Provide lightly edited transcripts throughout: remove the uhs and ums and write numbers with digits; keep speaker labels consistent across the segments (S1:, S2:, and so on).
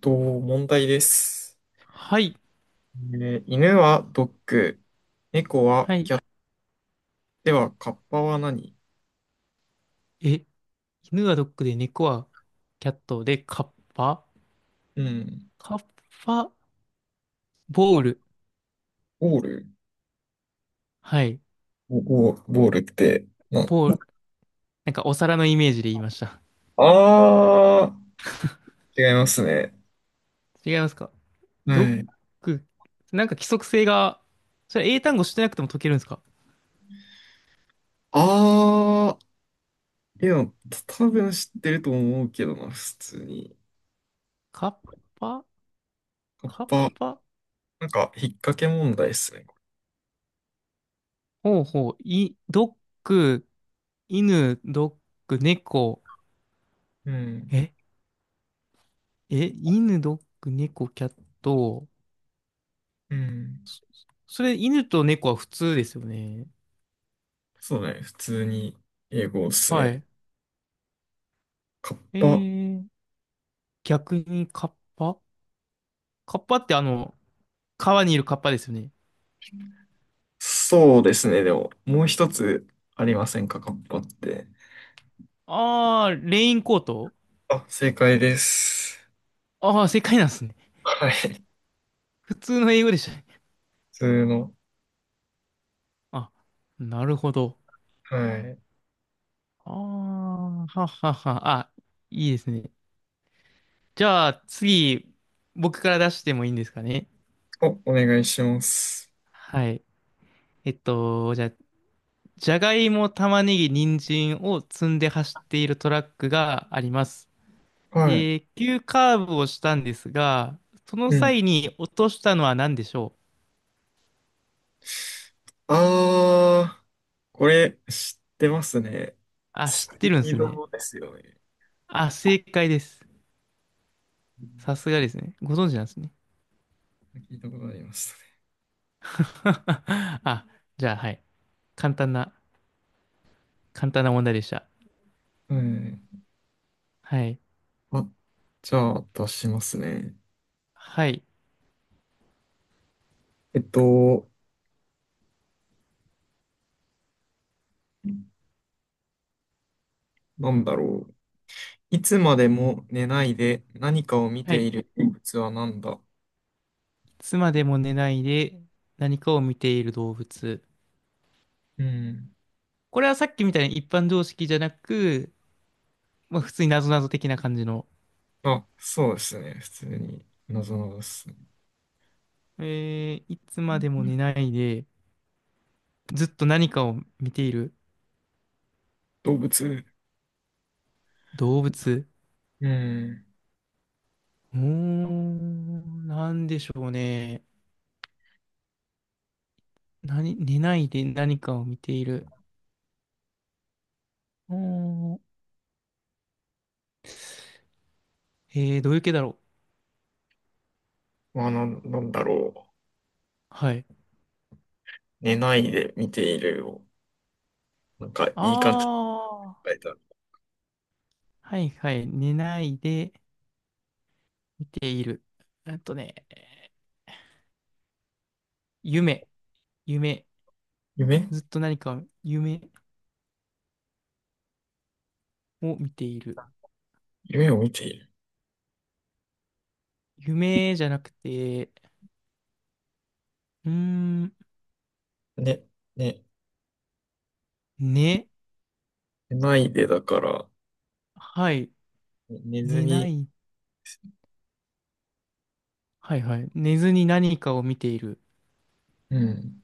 S1: と、問題です。
S2: はい。
S1: 犬はドッグ、猫は
S2: はい。
S1: キャット。ではカッパは何？
S2: え、犬はドッグで、猫はキャットで、カッパ
S1: うん。
S2: カッパボール。
S1: ボール。
S2: はい。
S1: ボールって、
S2: ボール。なんかお皿のイメージで言いました。
S1: あ違いますね。
S2: 違いますか？
S1: は
S2: ドッ
S1: い。
S2: グ。なんか規則性が、それ英単語してなくても解けるんですか？
S1: あいや、多分知ってると思うけどな、普通に。
S2: カッパ
S1: カッ
S2: カッ
S1: パ、
S2: パ
S1: なんか、引っ掛け問題っすね。
S2: ほうほう。ドッグ、犬、ドッグ、猫。
S1: うん。
S2: え、犬、ドッグ、猫、キャット。
S1: うん。
S2: それ、犬と猫は普通ですよね。
S1: そうだね、普通に英語っす
S2: は
S1: ね。
S2: い。
S1: カッ
S2: え
S1: パ、
S2: ー、逆にカッパカッパって川にいるカッパですよね。
S1: そうですね。でも、もう一つありませんか、カッパって。
S2: ああ、レインコート。
S1: あ、正解です。
S2: ああー、正解なんですね。
S1: はい。普
S2: 普通の英語でしたね。
S1: 通の。
S2: あ、なるほど。
S1: はい。
S2: あーはっはっは。あ、いいですね。じゃあ、次、僕から出してもいいんですかね。
S1: お願いします。
S2: はい。じゃあ、じゃがいも、玉ねぎ、人参を積んで走っているトラックがあります。
S1: はい。
S2: で、急カーブをしたんですが、その
S1: うん。
S2: 際に落としたのは何でしょう？
S1: あー、これ知ってますね。
S2: あ、
S1: ス
S2: 知って
S1: ピ
S2: るんで
S1: ー
S2: すね。
S1: ドですよね。
S2: あ、正解です。
S1: うん。
S2: さすがですね。ご存知なんですね。
S1: 聞いたことありまし
S2: あ、じゃあ、はい。簡単な、簡単な問題でした。
S1: たね。
S2: はい。
S1: はい。あ、じゃあ出しますね。
S2: はい。
S1: えっと、なんだろう。いつまでも寝ないで何かを見
S2: はい。
S1: てい
S2: い
S1: る動物は何だ？
S2: つまでも寝ないで何かを見ている動物。
S1: うん。
S2: これはさっきみたいに一般常識じゃなく、まあ、普通に謎々的な感じの。
S1: あ、そうですね。普通に、なぞなぞですね。
S2: いつまでも寝ないでずっと何かを見ている
S1: 動物。
S2: 動物。
S1: うん。
S2: うーん、なんでしょうね。何、寝ないで何かを見ている。うーん、どういう系だろう。
S1: まあ、なんだろう。
S2: はい。
S1: 寝ないで見ているを、なんか、
S2: あ
S1: いい感じに
S2: あ、
S1: 書いた。
S2: はいはい。寝ないで見ている。えっとね、夢、夢、
S1: 夢
S2: ずっと何か夢を見ている。
S1: 夢を見ている。
S2: 夢じゃなくて、うーん、
S1: ね、ね、
S2: 寝、
S1: 寝ないでだから、
S2: はい、
S1: ね寝ず
S2: 寝な
S1: に、
S2: い、はいはい。寝ずに何かを見ている。
S1: うん。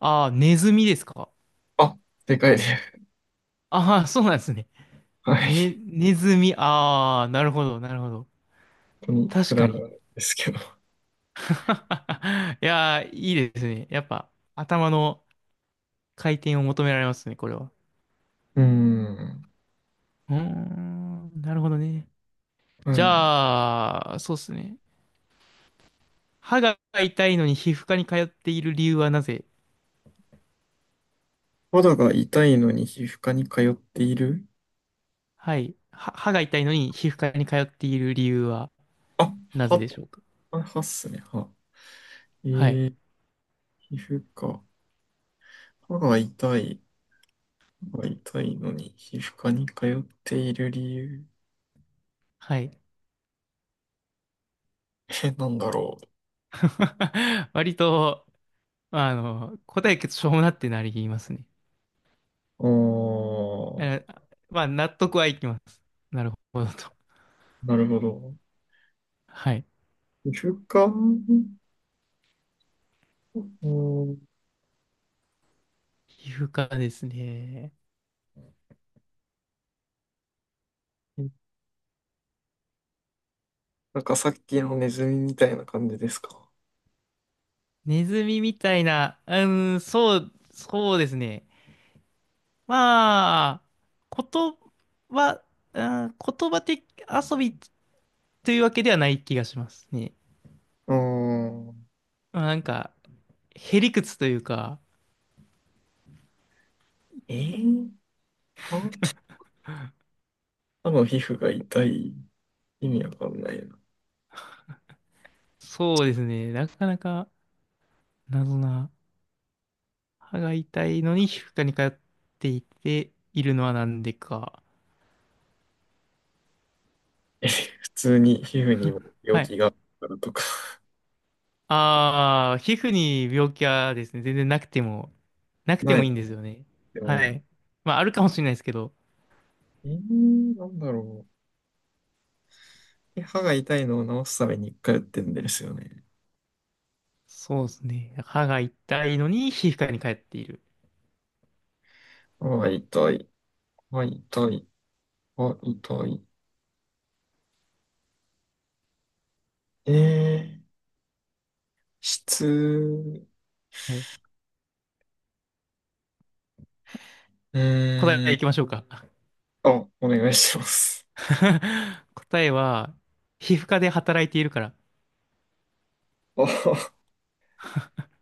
S2: ああ、ネズミですか？
S1: あ、でかいです。
S2: ああー、そうなんですね。
S1: はい。
S2: ね、ネズミ、ああ、なるほど、なるほど。
S1: 本当にく
S2: 確
S1: だ
S2: か
S1: ら
S2: に。
S1: ないですけど。
S2: いやー、いいですね。やっぱ、頭の回転を求められますね、これは。
S1: うん。
S2: うーん、なるほどね。
S1: は
S2: じ
S1: い。
S2: ゃあ、そうですね。歯が痛いのに皮膚科に通っている理由はなぜ？
S1: 肌が痛いのに皮膚科に通っている。
S2: はい。歯が痛いのに皮膚科に通っている理由は
S1: あ、
S2: なぜでし
S1: は、
S2: ょうか？
S1: あはっすね、は。え
S2: はい。
S1: ー、皮膚科。歯が痛い。歯が痛いのに皮膚科に通っている理由。
S2: はい。
S1: え、なんだろ
S2: 割と、答えがしょうもなってなりますね。
S1: う。
S2: あのまあ、納得はいきます。なるほどと。
S1: なるほど。
S2: はい。
S1: 皮膚科。うん。
S2: 皮膚科ですね。
S1: なんかさっきのネズミみたいな感じですか。
S2: ネズミみたいな、そうですね。まあ、言葉、うん、言葉的遊びというわけではない気がしますね。
S1: うん。
S2: まあ、なんか、へりくつというか、
S1: えー、歯、歯の皮膚が痛い。意味わかんないな。
S2: そうですね。なかなか謎な、歯が痛いのに皮膚科に通っていて、いるのはなんでか。
S1: 普通に皮膚にも病
S2: はい。
S1: 気があるからとか、
S2: ああ、皮膚に病気はですね、全然な くて
S1: な
S2: もいい
S1: い。
S2: んですよね。
S1: でもい
S2: は
S1: い。
S2: い。まあ、あるかもしれないですけど、
S1: なんだろう。歯が痛いのを治すために一回打ってんですよね。
S2: そうですね。歯が痛いのに皮膚科に通っている。
S1: 歯が痛い。歯痛い。歯痛い。えー、う
S2: はい。答
S1: ー
S2: え
S1: ん。
S2: いきましょうか。
S1: あ、お願いします。
S2: 答えは、皮膚科で働いているから。
S1: あ、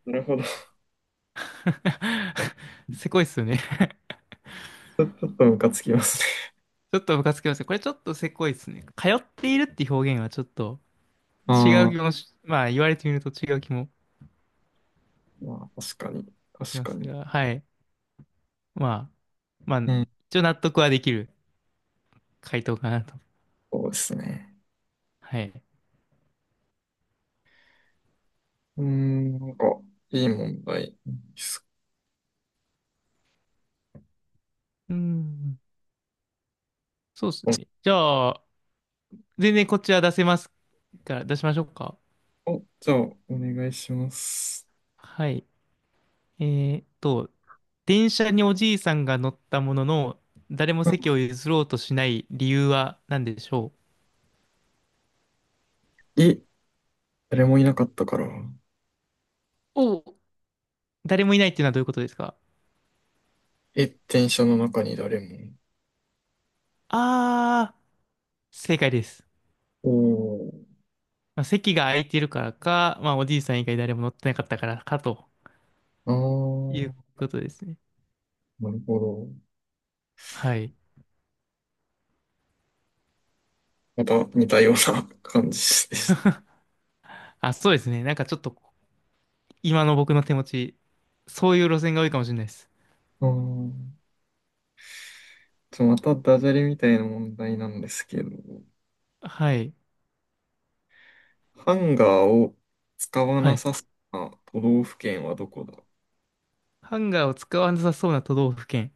S1: なるほど。ち
S2: せこいっすよね。
S1: ょっとムカつきますね。
S2: ちょっとムカつきますね。これちょっとせこいっすね。通っているって表現はちょっと違
S1: あ
S2: う気もし、まあ言われてみると違う気も
S1: まあ、確かに。
S2: し
S1: 確
S2: ま
S1: か
S2: す
S1: に。
S2: が、はい。まあ、まあ、
S1: うん。
S2: 一応納得はできる。回答かなと。
S1: そうですね。
S2: はい。
S1: なんかいい問題です。
S2: うん。そうですね。じゃあ、全然こっちは出せますから、出しましょうか。
S1: お、じゃあ、お願いします。
S2: はい。えーっと、電車におじいさんが乗ったものの、誰も席
S1: あ、
S2: を譲ろうとしない理由は何でしょ
S1: え、誰もいなかったから。
S2: う？おう。誰もいないっていうのはどういうことですか？
S1: え、電車の中に誰も。
S2: あー、正解です。
S1: おー、
S2: まあ、席が空いてるからか、まあ、おじいさん以外誰も乗ってなかったからかと
S1: あ
S2: い
S1: ー、
S2: うことですね。
S1: なるほど。
S2: はい。
S1: また似たような 感じでした。
S2: あ、そうですね。なんかちょっと今の僕の手持ち、そういう路線が多いかもしれないです。
S1: あー、じゃあまたダジャレみたいな問題なんですけど、
S2: はい。
S1: ハンガーを使わ
S2: は
S1: な
S2: い。
S1: さそうな都道府県はどこだ？
S2: ハンガーを使わなさそうな都道府県。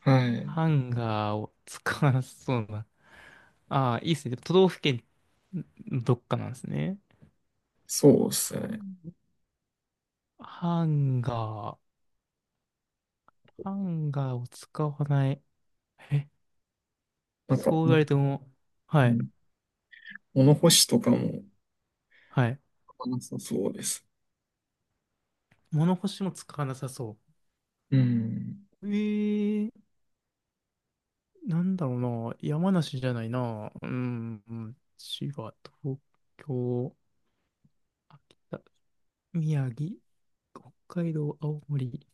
S1: はい。
S2: ハンガーを使わなさそうな。ああ、いいですね。都道府県のどっかなんですね。
S1: そうです
S2: う
S1: ね。
S2: ん、ハンガー。ハンガーを使わない。え、
S1: なんか、
S2: そう
S1: う
S2: 言わ
S1: ん、
S2: れても、は
S1: う
S2: い。
S1: ん、物干しとかも
S2: はい。
S1: 使わなさそうです。
S2: 物干しも使わなさそ
S1: うん。
S2: う。ー、なんだろうな。山梨じゃないな。うん、うん、滋賀、東京、秋田。宮城、北海道、青森、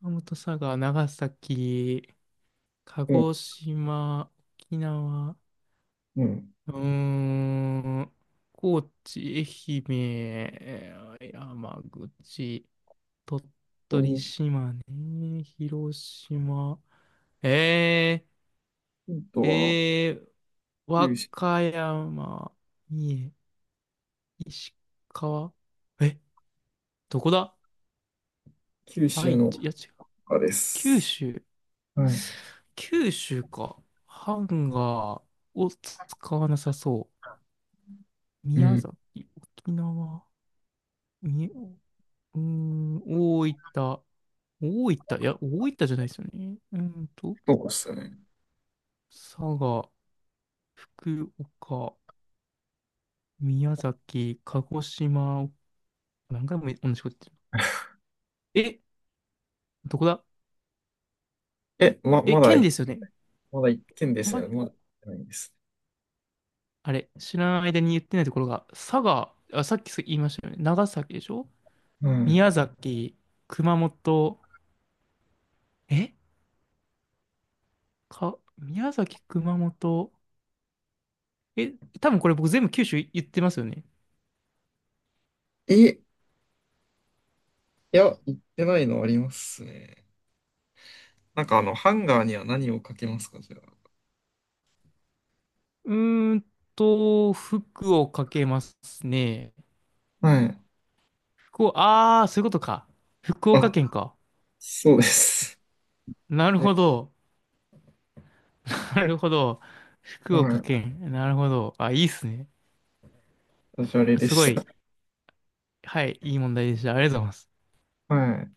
S2: 熊本、佐賀、長崎、鹿
S1: お、
S2: 児島、沖縄、
S1: うん。
S2: うーん、高知、愛媛、山口、鳥取、島根、広島、え
S1: ヒント
S2: ー、
S1: は
S2: えー、
S1: 九
S2: 和
S1: 州、
S2: 歌山、三重、石川、え、どこだ？
S1: 九州
S2: 愛
S1: の
S2: 知、いや違う、
S1: 中で
S2: 九
S1: す。
S2: 州、
S1: はい。
S2: 九州か。ハンガーを使わなさそう。
S1: う
S2: 宮
S1: ん、
S2: 崎、沖縄、み、うーん、大分、大分、いや、大分じゃないですよね。
S1: そうですね。
S2: 佐賀、福岡、宮崎、鹿児島、何回も同じこと 言ってる。どこだ？
S1: ま、まだ
S2: 県
S1: い、
S2: ですよね。
S1: まだ一件です
S2: ま、
S1: ね。まだ行ってないです。
S2: あれ、知らない間に言ってないところが、佐賀、あ、さっき言いましたよね。長崎でしょ？
S1: は
S2: 宮崎、熊本、え宮崎、熊本。え、多分これ僕全部九州言ってますよね。
S1: い。いや、行ってないのありますね。なんかハンガーには何をかけますか、じゃ
S2: うーん福岡けますね。
S1: あ？はい。
S2: 福岡、あー、そういうことか。福
S1: あ。
S2: 岡
S1: あ、
S2: 県か。
S1: そうです。
S2: なる
S1: え、
S2: ほど。なるほど。
S1: は
S2: 福岡
S1: い。
S2: 県。なるほど。あ、いいっすね。
S1: ダジャレで
S2: すご
S1: した。
S2: い。はい、いい問題でした。ありがとうございます。
S1: はい。